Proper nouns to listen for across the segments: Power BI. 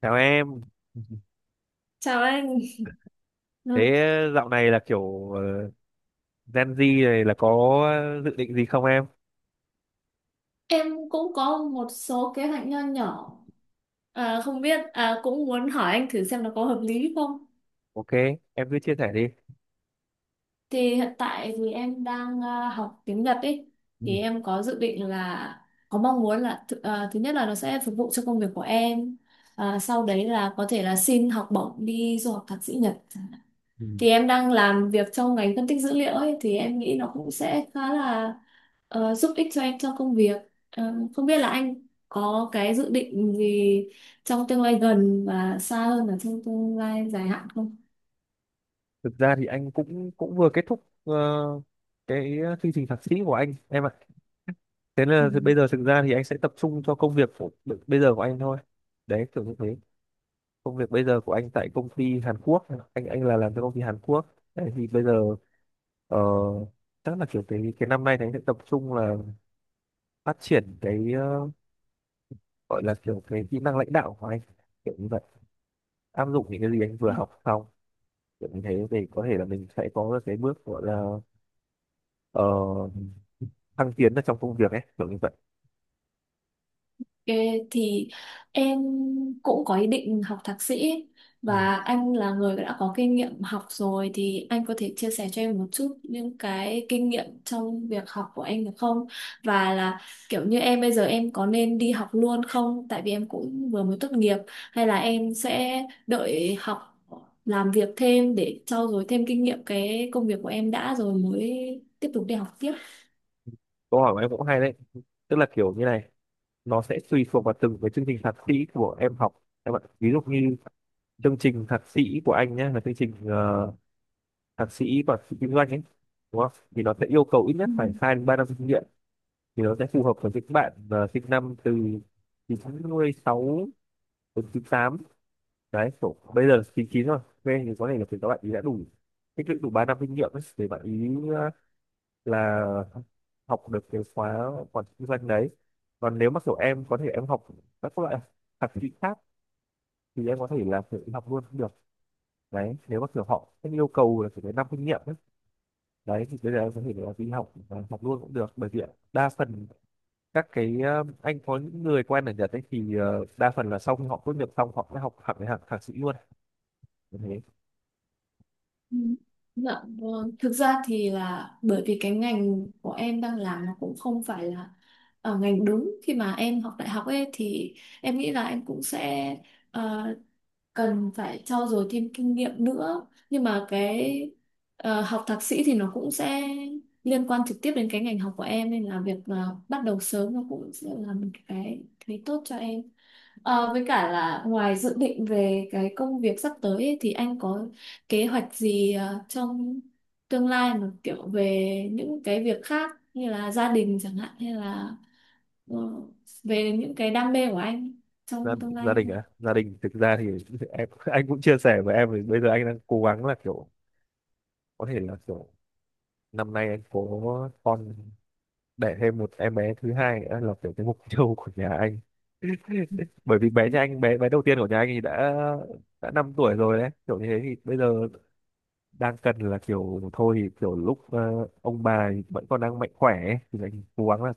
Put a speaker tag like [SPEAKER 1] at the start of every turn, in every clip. [SPEAKER 1] Chào em.
[SPEAKER 2] Chào anh.
[SPEAKER 1] Thế
[SPEAKER 2] Ừ,
[SPEAKER 1] dạo này là kiểu Gen Z này là có dự định gì không em?
[SPEAKER 2] em cũng có một số kế hoạch nho nhỏ, không biết cũng muốn hỏi anh thử xem nó có hợp lý không.
[SPEAKER 1] Ok, em cứ chia sẻ đi.
[SPEAKER 2] Hiện tại thì em đang học tiếng Nhật ấy,
[SPEAKER 1] Ừ.
[SPEAKER 2] thì em có dự định là có mong muốn là thứ nhất là nó sẽ phục vụ cho công việc của em, sau đấy là có thể là xin học bổng đi du học thạc sĩ Nhật.
[SPEAKER 1] Ừ.
[SPEAKER 2] Thì em đang làm việc trong ngành phân tích dữ liệu ấy thì em nghĩ nó cũng sẽ khá là giúp ích cho em trong công việc. Không biết là anh có cái dự định gì trong tương lai gần và xa hơn là trong tương lai dài hạn không?
[SPEAKER 1] Thực ra thì anh cũng cũng vừa kết thúc cái chương trình thạc sĩ của anh em ạ. Thế là thì bây
[SPEAKER 2] Ừ.
[SPEAKER 1] giờ thực ra thì anh sẽ tập trung cho công việc của bây giờ của anh thôi. Đấy, kiểu như thế. Công việc bây giờ của anh tại công ty Hàn Quốc, anh là làm cho công ty Hàn Quốc. Đấy, thì bây giờ ờ, chắc là kiểu cái năm nay thì anh sẽ tập trung là phát triển cái gọi là kiểu cái kỹ năng lãnh đạo của anh kiểu như vậy, áp dụng những cái gì anh vừa học xong, kiểu như thế thì có thể là mình sẽ có được cái bước gọi là ờ, thăng tiến ở trong công việc ấy, kiểu như vậy.
[SPEAKER 2] Ê, thì em cũng có ý định học thạc sĩ
[SPEAKER 1] Ừ.
[SPEAKER 2] và anh là người đã có kinh nghiệm học rồi thì anh có thể chia sẻ cho em một chút những cái kinh nghiệm trong việc học của anh được không? Và là kiểu như em bây giờ em có nên đi học luôn không? Tại vì em cũng vừa mới tốt nghiệp hay là em sẽ đợi học làm việc thêm để trau dồi thêm kinh nghiệm cái công việc của em đã rồi mới tiếp tục đi học tiếp.
[SPEAKER 1] Câu hỏi của em cũng hay đấy, tức là kiểu như này, nó sẽ tùy thuộc vào từng cái chương trình thạc sĩ của em học các bạn, ví dụ như chương trình thạc sĩ của anh nhé, là chương trình thạc sĩ quản trị kinh doanh ấy, đúng không, thì nó sẽ yêu cầu ít
[SPEAKER 2] Ừ.
[SPEAKER 1] nhất phải 2 đến 3 năm kinh nghiệm. Thì nó sẽ phù hợp với những bạn sinh năm từ 96 đến 98, đấy kiểu bây giờ 99 rồi. Thế thì có thể là các bạn ý đã đủ tích lũy đủ 3 năm kinh nghiệm ấy, để bạn ý ờ, là học được cái khóa quản trị kinh doanh đấy. Còn nếu mà kiểu em có thể em học các loại thạc sĩ khác thì em có thể là tự học luôn cũng được, đấy nếu mà kiểu họ sẽ yêu cầu là phải đến năm kinh nghiệm ấy. Đấy thì bây giờ em có thể là đi học học luôn cũng được, bởi vì đa phần các cái anh có những người quen ở Nhật ấy, thì đa phần là sau khi họ tốt nghiệp xong họ sẽ học hẳn cái hạng thạc sĩ luôn thế.
[SPEAKER 2] Ừ. Dạ vâng. Thực ra thì là bởi vì cái ngành của em đang làm nó cũng không phải là ngành đúng khi mà em học đại học ấy, thì em nghĩ là em cũng sẽ ờ, cần phải trau dồi thêm kinh nghiệm nữa, nhưng mà cái học thạc sĩ thì nó cũng sẽ liên quan trực tiếp đến cái ngành học của em, nên là việc bắt đầu sớm nó cũng sẽ là một cái thấy tốt cho em. Với cả là ngoài dự định về cái công việc sắp tới ấy, thì anh có kế hoạch gì trong tương lai mà kiểu về những cái việc khác như là gia đình chẳng hạn hay là ờ, về những cái đam mê của anh
[SPEAKER 1] gia,
[SPEAKER 2] trong tương
[SPEAKER 1] Gia
[SPEAKER 2] lai
[SPEAKER 1] đình
[SPEAKER 2] không?
[SPEAKER 1] à, gia đình thực ra thì em anh cũng chia sẻ với em, thì bây giờ anh đang cố gắng là kiểu có thể là kiểu năm nay anh có con, đẻ thêm một em bé thứ hai nữa, là kiểu cái mục tiêu của nhà anh. Bởi vì bé nhà anh, bé bé đầu tiên của nhà anh thì đã 5 tuổi rồi, đấy kiểu như thế thì bây giờ đang cần là kiểu thôi thì kiểu lúc ông bà thì vẫn còn đang mạnh khỏe ấy, thì anh cố gắng là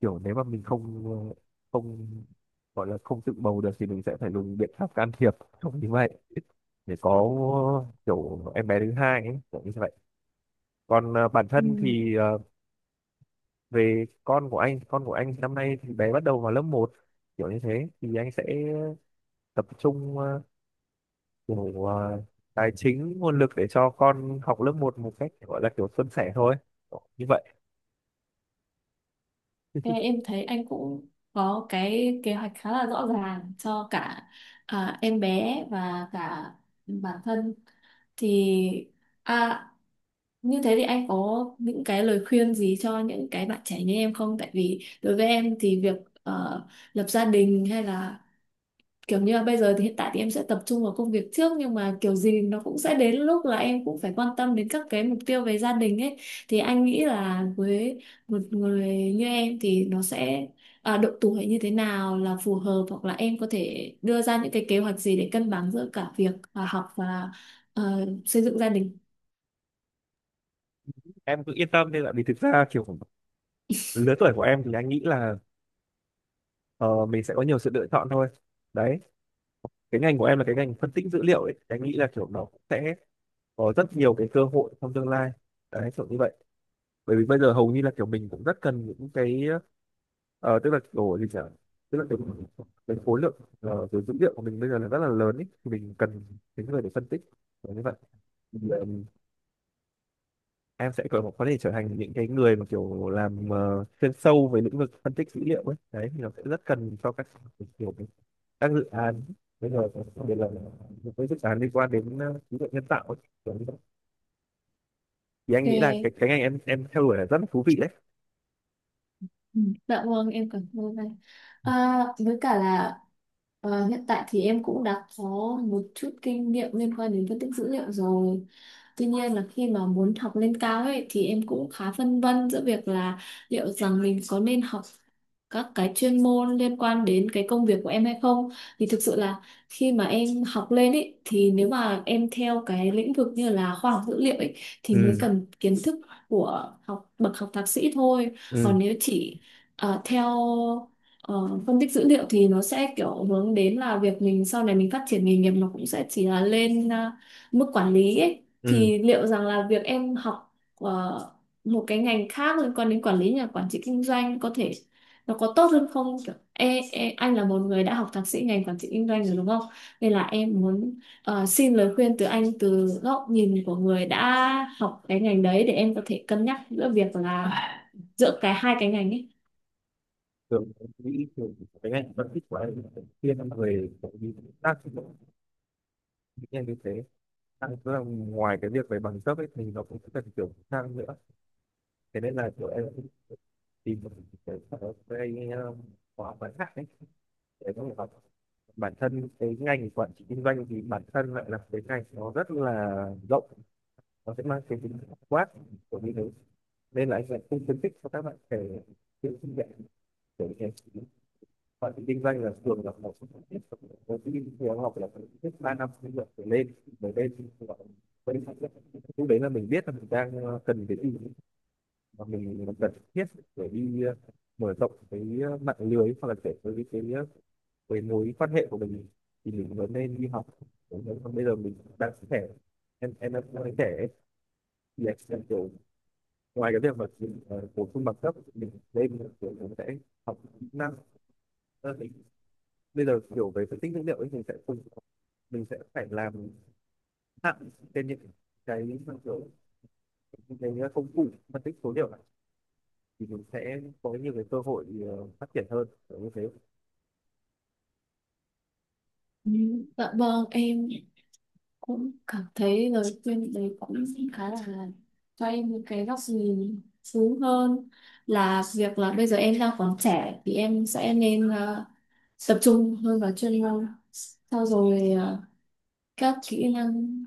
[SPEAKER 1] kiểu nếu mà mình không không gọi là không tự bầu được thì mình sẽ phải dùng biện pháp can thiệp không như vậy, để có kiểu em bé thứ hai ấy, kiểu như vậy. Còn bản
[SPEAKER 2] Ừ.
[SPEAKER 1] thân thì về con của anh năm nay thì bé bắt đầu vào lớp một, kiểu như thế thì anh sẽ tập trung kiểu tài chính nguồn lực để cho con học lớp một một cách gọi là kiểu suôn sẻ thôi. Kiểu như vậy.
[SPEAKER 2] Thế em thấy anh cũng có cái kế hoạch khá là rõ ràng cho cả em bé và cả bản thân, thì à, như thế thì anh có những cái lời khuyên gì cho những cái bạn trẻ như em không? Tại vì đối với em thì việc ờ, lập gia đình hay là kiểu như là bây giờ thì hiện tại thì em sẽ tập trung vào công việc trước, nhưng mà kiểu gì nó cũng sẽ đến lúc là em cũng phải quan tâm đến các cái mục tiêu về gia đình ấy. Thì anh nghĩ là với một người như em thì nó sẽ độ tuổi như thế nào là phù hợp, hoặc là em có thể đưa ra những cái kế hoạch gì để cân bằng giữa cả việc học và xây dựng gia đình.
[SPEAKER 1] Em cứ yên tâm đi, là vì thực ra kiểu lứa tuổi của em thì anh nghĩ là ờ, mình sẽ có nhiều sự lựa chọn thôi đấy. Cái ngành của em là cái ngành phân tích dữ liệu ấy, thì anh nghĩ là kiểu nó cũng sẽ có rất nhiều cái cơ hội trong tương lai đấy, kiểu như vậy. Bởi vì bây giờ hầu như là kiểu mình cũng rất cần những cái tức là kiểu gì nhở? Tức là cái khối lượng cái dữ liệu của mình bây giờ là rất là lớn ấy, thì mình cần những người để phân tích, kiểu như vậy. Ừ, em sẽ có thể trở thành những cái người mà kiểu làm chuyên sâu về lĩnh vực phân tích dữ liệu ấy, đấy thì nó sẽ rất cần cho các kiểu các dự án bây giờ, đặc biệt là những cái dự án liên quan đến trí tuệ nhân tạo ấy. Kiểu như vậy. Thì anh nghĩ là cái
[SPEAKER 2] Ok.
[SPEAKER 1] cái ngành em theo đuổi là rất là thú vị đấy.
[SPEAKER 2] Ừ, dạ vâng em cảm ơn anh. Với cả là hiện tại thì em cũng đã có một chút kinh nghiệm liên quan đến phân tích dữ liệu rồi, tuy nhiên là khi mà muốn học lên cao ấy thì em cũng khá phân vân giữa việc là liệu rằng mình có nên học các cái chuyên môn liên quan đến cái công việc của em hay không. Thì thực sự là khi mà em học lên ấy, thì nếu mà em theo cái lĩnh vực như là khoa học dữ liệu ấy thì mới
[SPEAKER 1] Ừ.
[SPEAKER 2] cần kiến thức của học bậc học thạc sĩ thôi,
[SPEAKER 1] Ừ.
[SPEAKER 2] còn nếu chỉ theo ờ, phân tích dữ liệu thì nó sẽ kiểu hướng đến là việc mình sau này mình phát triển nghề nghiệp nó cũng sẽ chỉ là lên mức quản lý ấy.
[SPEAKER 1] Ừ.
[SPEAKER 2] Thì liệu rằng là việc em học một cái ngành khác liên quan đến quản lý nhà quản trị kinh doanh có thể nó có tốt hơn không? Kiểu, e, e, anh là một người đã học thạc sĩ ngành quản trị kinh doanh rồi đúng không? Nên là em muốn xin lời khuyên từ anh, từ góc nhìn của người đã học cái ngành đấy, để em có thể cân nhắc giữa việc là giữa cái hai cái ngành ấy.
[SPEAKER 1] Thường em nghĩ thường cái ngành phân tích của anh là thiên về kiểu như tác dụng những ngành như thế. Tức là ngoài cái việc về bằng cấp ấy thì nó cũng cần kiểu sang nữa, thế nên là kiểu em tìm một cái sở cái khóa ngắn hạn ấy để có thể học. Bản thân cái ngành quản trị kinh doanh thì bản thân lại là cái ngành nó rất là rộng, nó sẽ mang cái tính quát của như thế nên là anh lại không khuyến khích cho các bạn trẻ tự sinh dạy để như thế. Bạn tự kinh doanh là thường là một trong những tiết của tự kinh thì học là phải ít 3 năm kinh nghiệm trở lên, bởi đây thì gọi là vẫn lúc đấy là mình biết là mình đang cần cái gì và mình, cần thiết để đi mở rộng cái mạng lưới hoặc là để với cái mối quan hệ của mình, thì mình vẫn nên đi học. Đúng rồi. Còn bây giờ mình đang trẻ, em đang trẻ ấy, thì em kiểu ngoài cái việc mà bổ sung bằng cấp mình lên mình kiểu mình sẽ học kỹ năng. Thì bây giờ kiểu về phân tích dữ liệu ấy mình sẽ cùng mình sẽ phải làm hạn trên những cái kiểu những cái công cụ phân tích số liệu này, thì mình sẽ có nhiều cái cơ hội phát triển hơn, kiểu như thế.
[SPEAKER 2] Ừ, dạ vâng em cũng cảm thấy lời khuyên đấy cũng khá là cho em những cái góc nhìn xuống hơn, là việc là bây giờ em đang còn trẻ thì em sẽ nên tập trung hơn vào chuyên môn, sau rồi các kỹ năng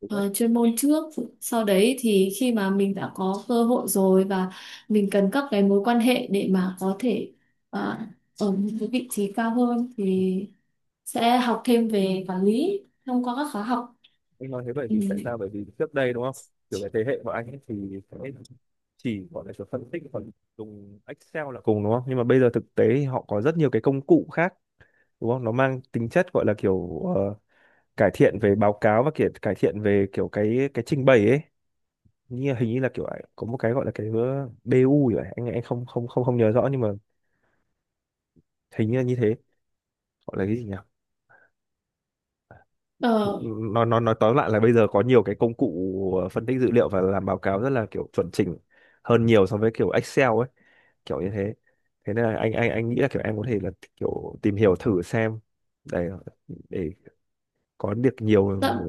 [SPEAKER 1] Đúng đấy.
[SPEAKER 2] chuyên môn trước, sau đấy thì khi mà mình đã có cơ hội rồi và mình cần các cái mối quan hệ để mà có thể ờ, ở một cái vị trí cao hơn thì sẽ học thêm về quản lý thông qua các khóa học.
[SPEAKER 1] Anh nói thế bởi
[SPEAKER 2] Ừ.
[SPEAKER 1] vì tại sao, bởi vì trước đây đúng không, kiểu cái thế hệ của anh ấy thì sẽ chỉ gọi là kiểu phân tích còn dùng Excel là cùng đúng không, nhưng mà bây giờ thực tế thì họ có rất nhiều cái công cụ khác đúng không, nó mang tính chất gọi là kiểu cải thiện về báo cáo và kiểu cải thiện về kiểu cái trình bày ấy, như hình như là kiểu à, có một cái gọi là cái BU vậy, anh không không không không nhớ rõ, nhưng mà hình như là như thế, gọi là cái gì nhỉ?
[SPEAKER 2] ờ,
[SPEAKER 1] Nó nói tóm lại là bây giờ có nhiều cái công cụ phân tích dữ liệu và làm báo cáo rất là kiểu chuẩn chỉnh hơn nhiều so với kiểu Excel ấy, kiểu như thế. Thế nên là anh nghĩ là kiểu em có thể là kiểu tìm hiểu thử xem, để để có được nhiều.
[SPEAKER 2] dạ,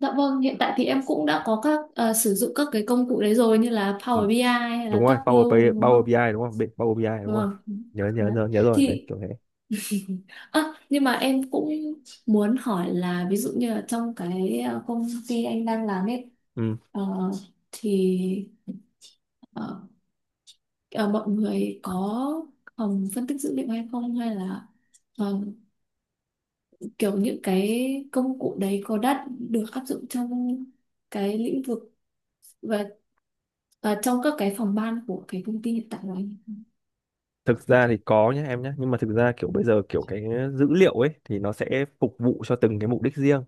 [SPEAKER 2] dạ vâng, hiện tại thì em cũng đã có các sử dụng các cái công cụ đấy rồi, như là
[SPEAKER 1] Ừ,
[SPEAKER 2] Power BI ai hay
[SPEAKER 1] đúng
[SPEAKER 2] là
[SPEAKER 1] rồi Power
[SPEAKER 2] Tableau
[SPEAKER 1] BI, ai,
[SPEAKER 2] đúng
[SPEAKER 1] Power BI
[SPEAKER 2] không.
[SPEAKER 1] ai đúng không, Power BI ai đúng rồi,
[SPEAKER 2] Vâng.
[SPEAKER 1] nhớ nhớ
[SPEAKER 2] Đấy.
[SPEAKER 1] nhớ nhớ rồi đấy
[SPEAKER 2] Thì
[SPEAKER 1] kiểu thế.
[SPEAKER 2] Nhưng mà em cũng muốn hỏi là ví dụ như là trong cái công ty anh đang làm ấy,
[SPEAKER 1] Ừ.
[SPEAKER 2] ờ, thì ờ, ờ, mọi người có phòng phân tích dữ liệu hay không, hay là ờ, kiểu những cái công cụ đấy có đã được áp dụng trong cái lĩnh vực và và trong các cái phòng ban của cái công ty hiện tại của anh.
[SPEAKER 1] Thực ra thì có nhé em nhé. Nhưng mà thực ra kiểu bây giờ kiểu cái dữ liệu ấy thì nó sẽ phục vụ cho từng cái mục đích riêng,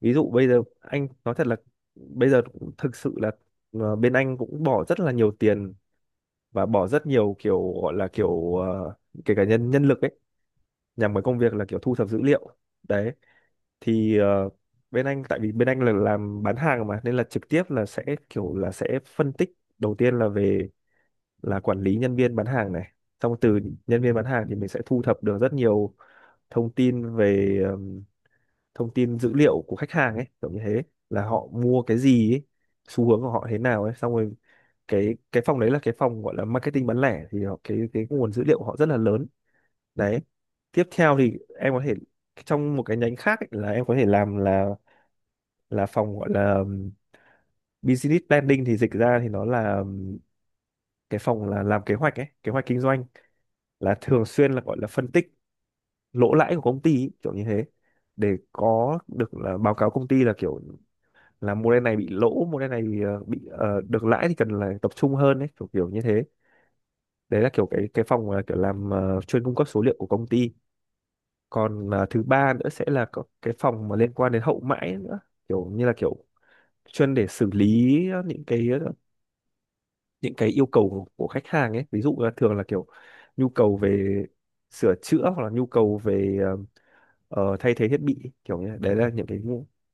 [SPEAKER 1] ví dụ bây giờ anh nói thật là bây giờ cũng thực sự là bên anh cũng bỏ rất là nhiều tiền và bỏ rất nhiều kiểu gọi là kiểu kể cả nhân nhân lực ấy, nhằm vào công việc là kiểu thu thập dữ liệu, đấy thì bên anh, tại vì bên anh là làm bán hàng mà, nên là trực tiếp là sẽ kiểu là sẽ phân tích. Đầu tiên là về là quản lý nhân viên bán hàng này, xong từ nhân viên bán hàng thì mình sẽ thu thập được rất nhiều thông tin về thông tin dữ liệu của khách hàng ấy, kiểu như thế, là họ mua cái gì ấy, xu hướng của họ thế nào ấy, xong rồi cái phòng đấy là cái phòng gọi là marketing bán lẻ thì họ, cái nguồn dữ liệu của họ rất là lớn đấy. Tiếp theo thì em có thể trong một cái nhánh khác ấy, là em có thể làm là phòng gọi là business planning, thì dịch ra thì nó là cái phòng là làm kế hoạch ấy, kế hoạch kinh doanh, là thường xuyên là gọi là phân tích lỗ lãi của công ty ý, kiểu như thế, để có được là báo cáo công ty là kiểu là mô đen này bị lỗ, mô đen này bị được lãi thì cần là tập trung hơn ấy, kiểu kiểu như thế. Đấy là kiểu cái phòng là kiểu làm chuyên cung cấp số liệu của công ty. Còn thứ ba nữa sẽ là có cái phòng mà liên quan đến hậu mãi nữa, kiểu như là kiểu chuyên để xử lý những cái những cái yêu cầu của khách hàng ấy, ví dụ là thường là kiểu nhu cầu về sửa chữa hoặc là nhu cầu về thay thế thiết bị, kiểu như thế. Đấy là những cái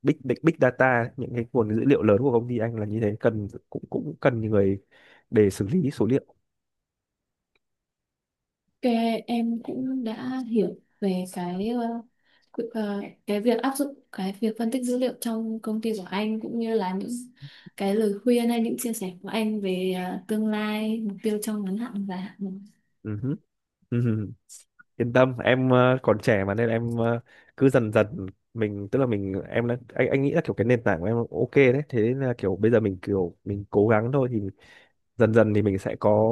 [SPEAKER 1] big big big data, những cái nguồn dữ liệu lớn của công ty anh là như thế, cần cũng cũng cần người để xử lý số liệu.
[SPEAKER 2] Ok, em cũng đã hiểu về cái ờ, cái việc áp dụng cái việc phân tích dữ liệu trong công ty của anh, cũng như là những cái lời khuyên hay những chia sẻ của anh về tương lai mục tiêu trong ngắn hạn và hạn.
[SPEAKER 1] Ừ hứ, ừ hứ. Yên tâm em, còn trẻ mà nên em, cứ dần dần mình, tức là mình em đã, anh nghĩ là kiểu cái nền tảng của em ok đấy, thế nên là kiểu bây giờ mình kiểu mình cố gắng thôi thì dần dần thì mình sẽ có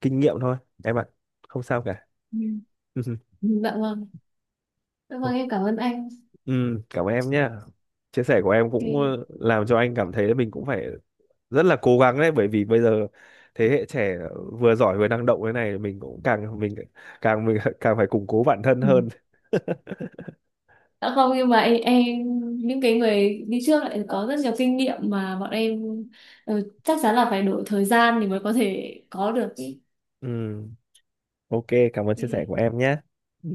[SPEAKER 1] kinh nghiệm thôi em ạ, không sao cả.
[SPEAKER 2] Ừ. Dạ vâng, dạ vâng em cảm ơn anh.
[SPEAKER 1] Ừ, cảm ơn em nhé, chia sẻ của em cũng
[SPEAKER 2] Okay.
[SPEAKER 1] làm cho anh cảm thấy là mình cũng phải rất là cố gắng đấy, bởi vì bây giờ thế hệ trẻ vừa giỏi vừa năng động thế này, mình cũng càng mình càng phải củng cố bản thân
[SPEAKER 2] Ừ.
[SPEAKER 1] hơn.
[SPEAKER 2] Dạ không, nhưng mà em những cái người đi trước lại có rất nhiều kinh nghiệm mà bọn em ừ, chắc chắn là phải đổi thời gian thì mới có thể có được. Cái
[SPEAKER 1] Ừ, ok, cảm ơn chia sẻ của em nhé. Ừ,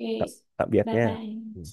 [SPEAKER 2] Okay.
[SPEAKER 1] tạm, tạm biệt
[SPEAKER 2] Bye
[SPEAKER 1] nhé. Ừ.
[SPEAKER 2] bye.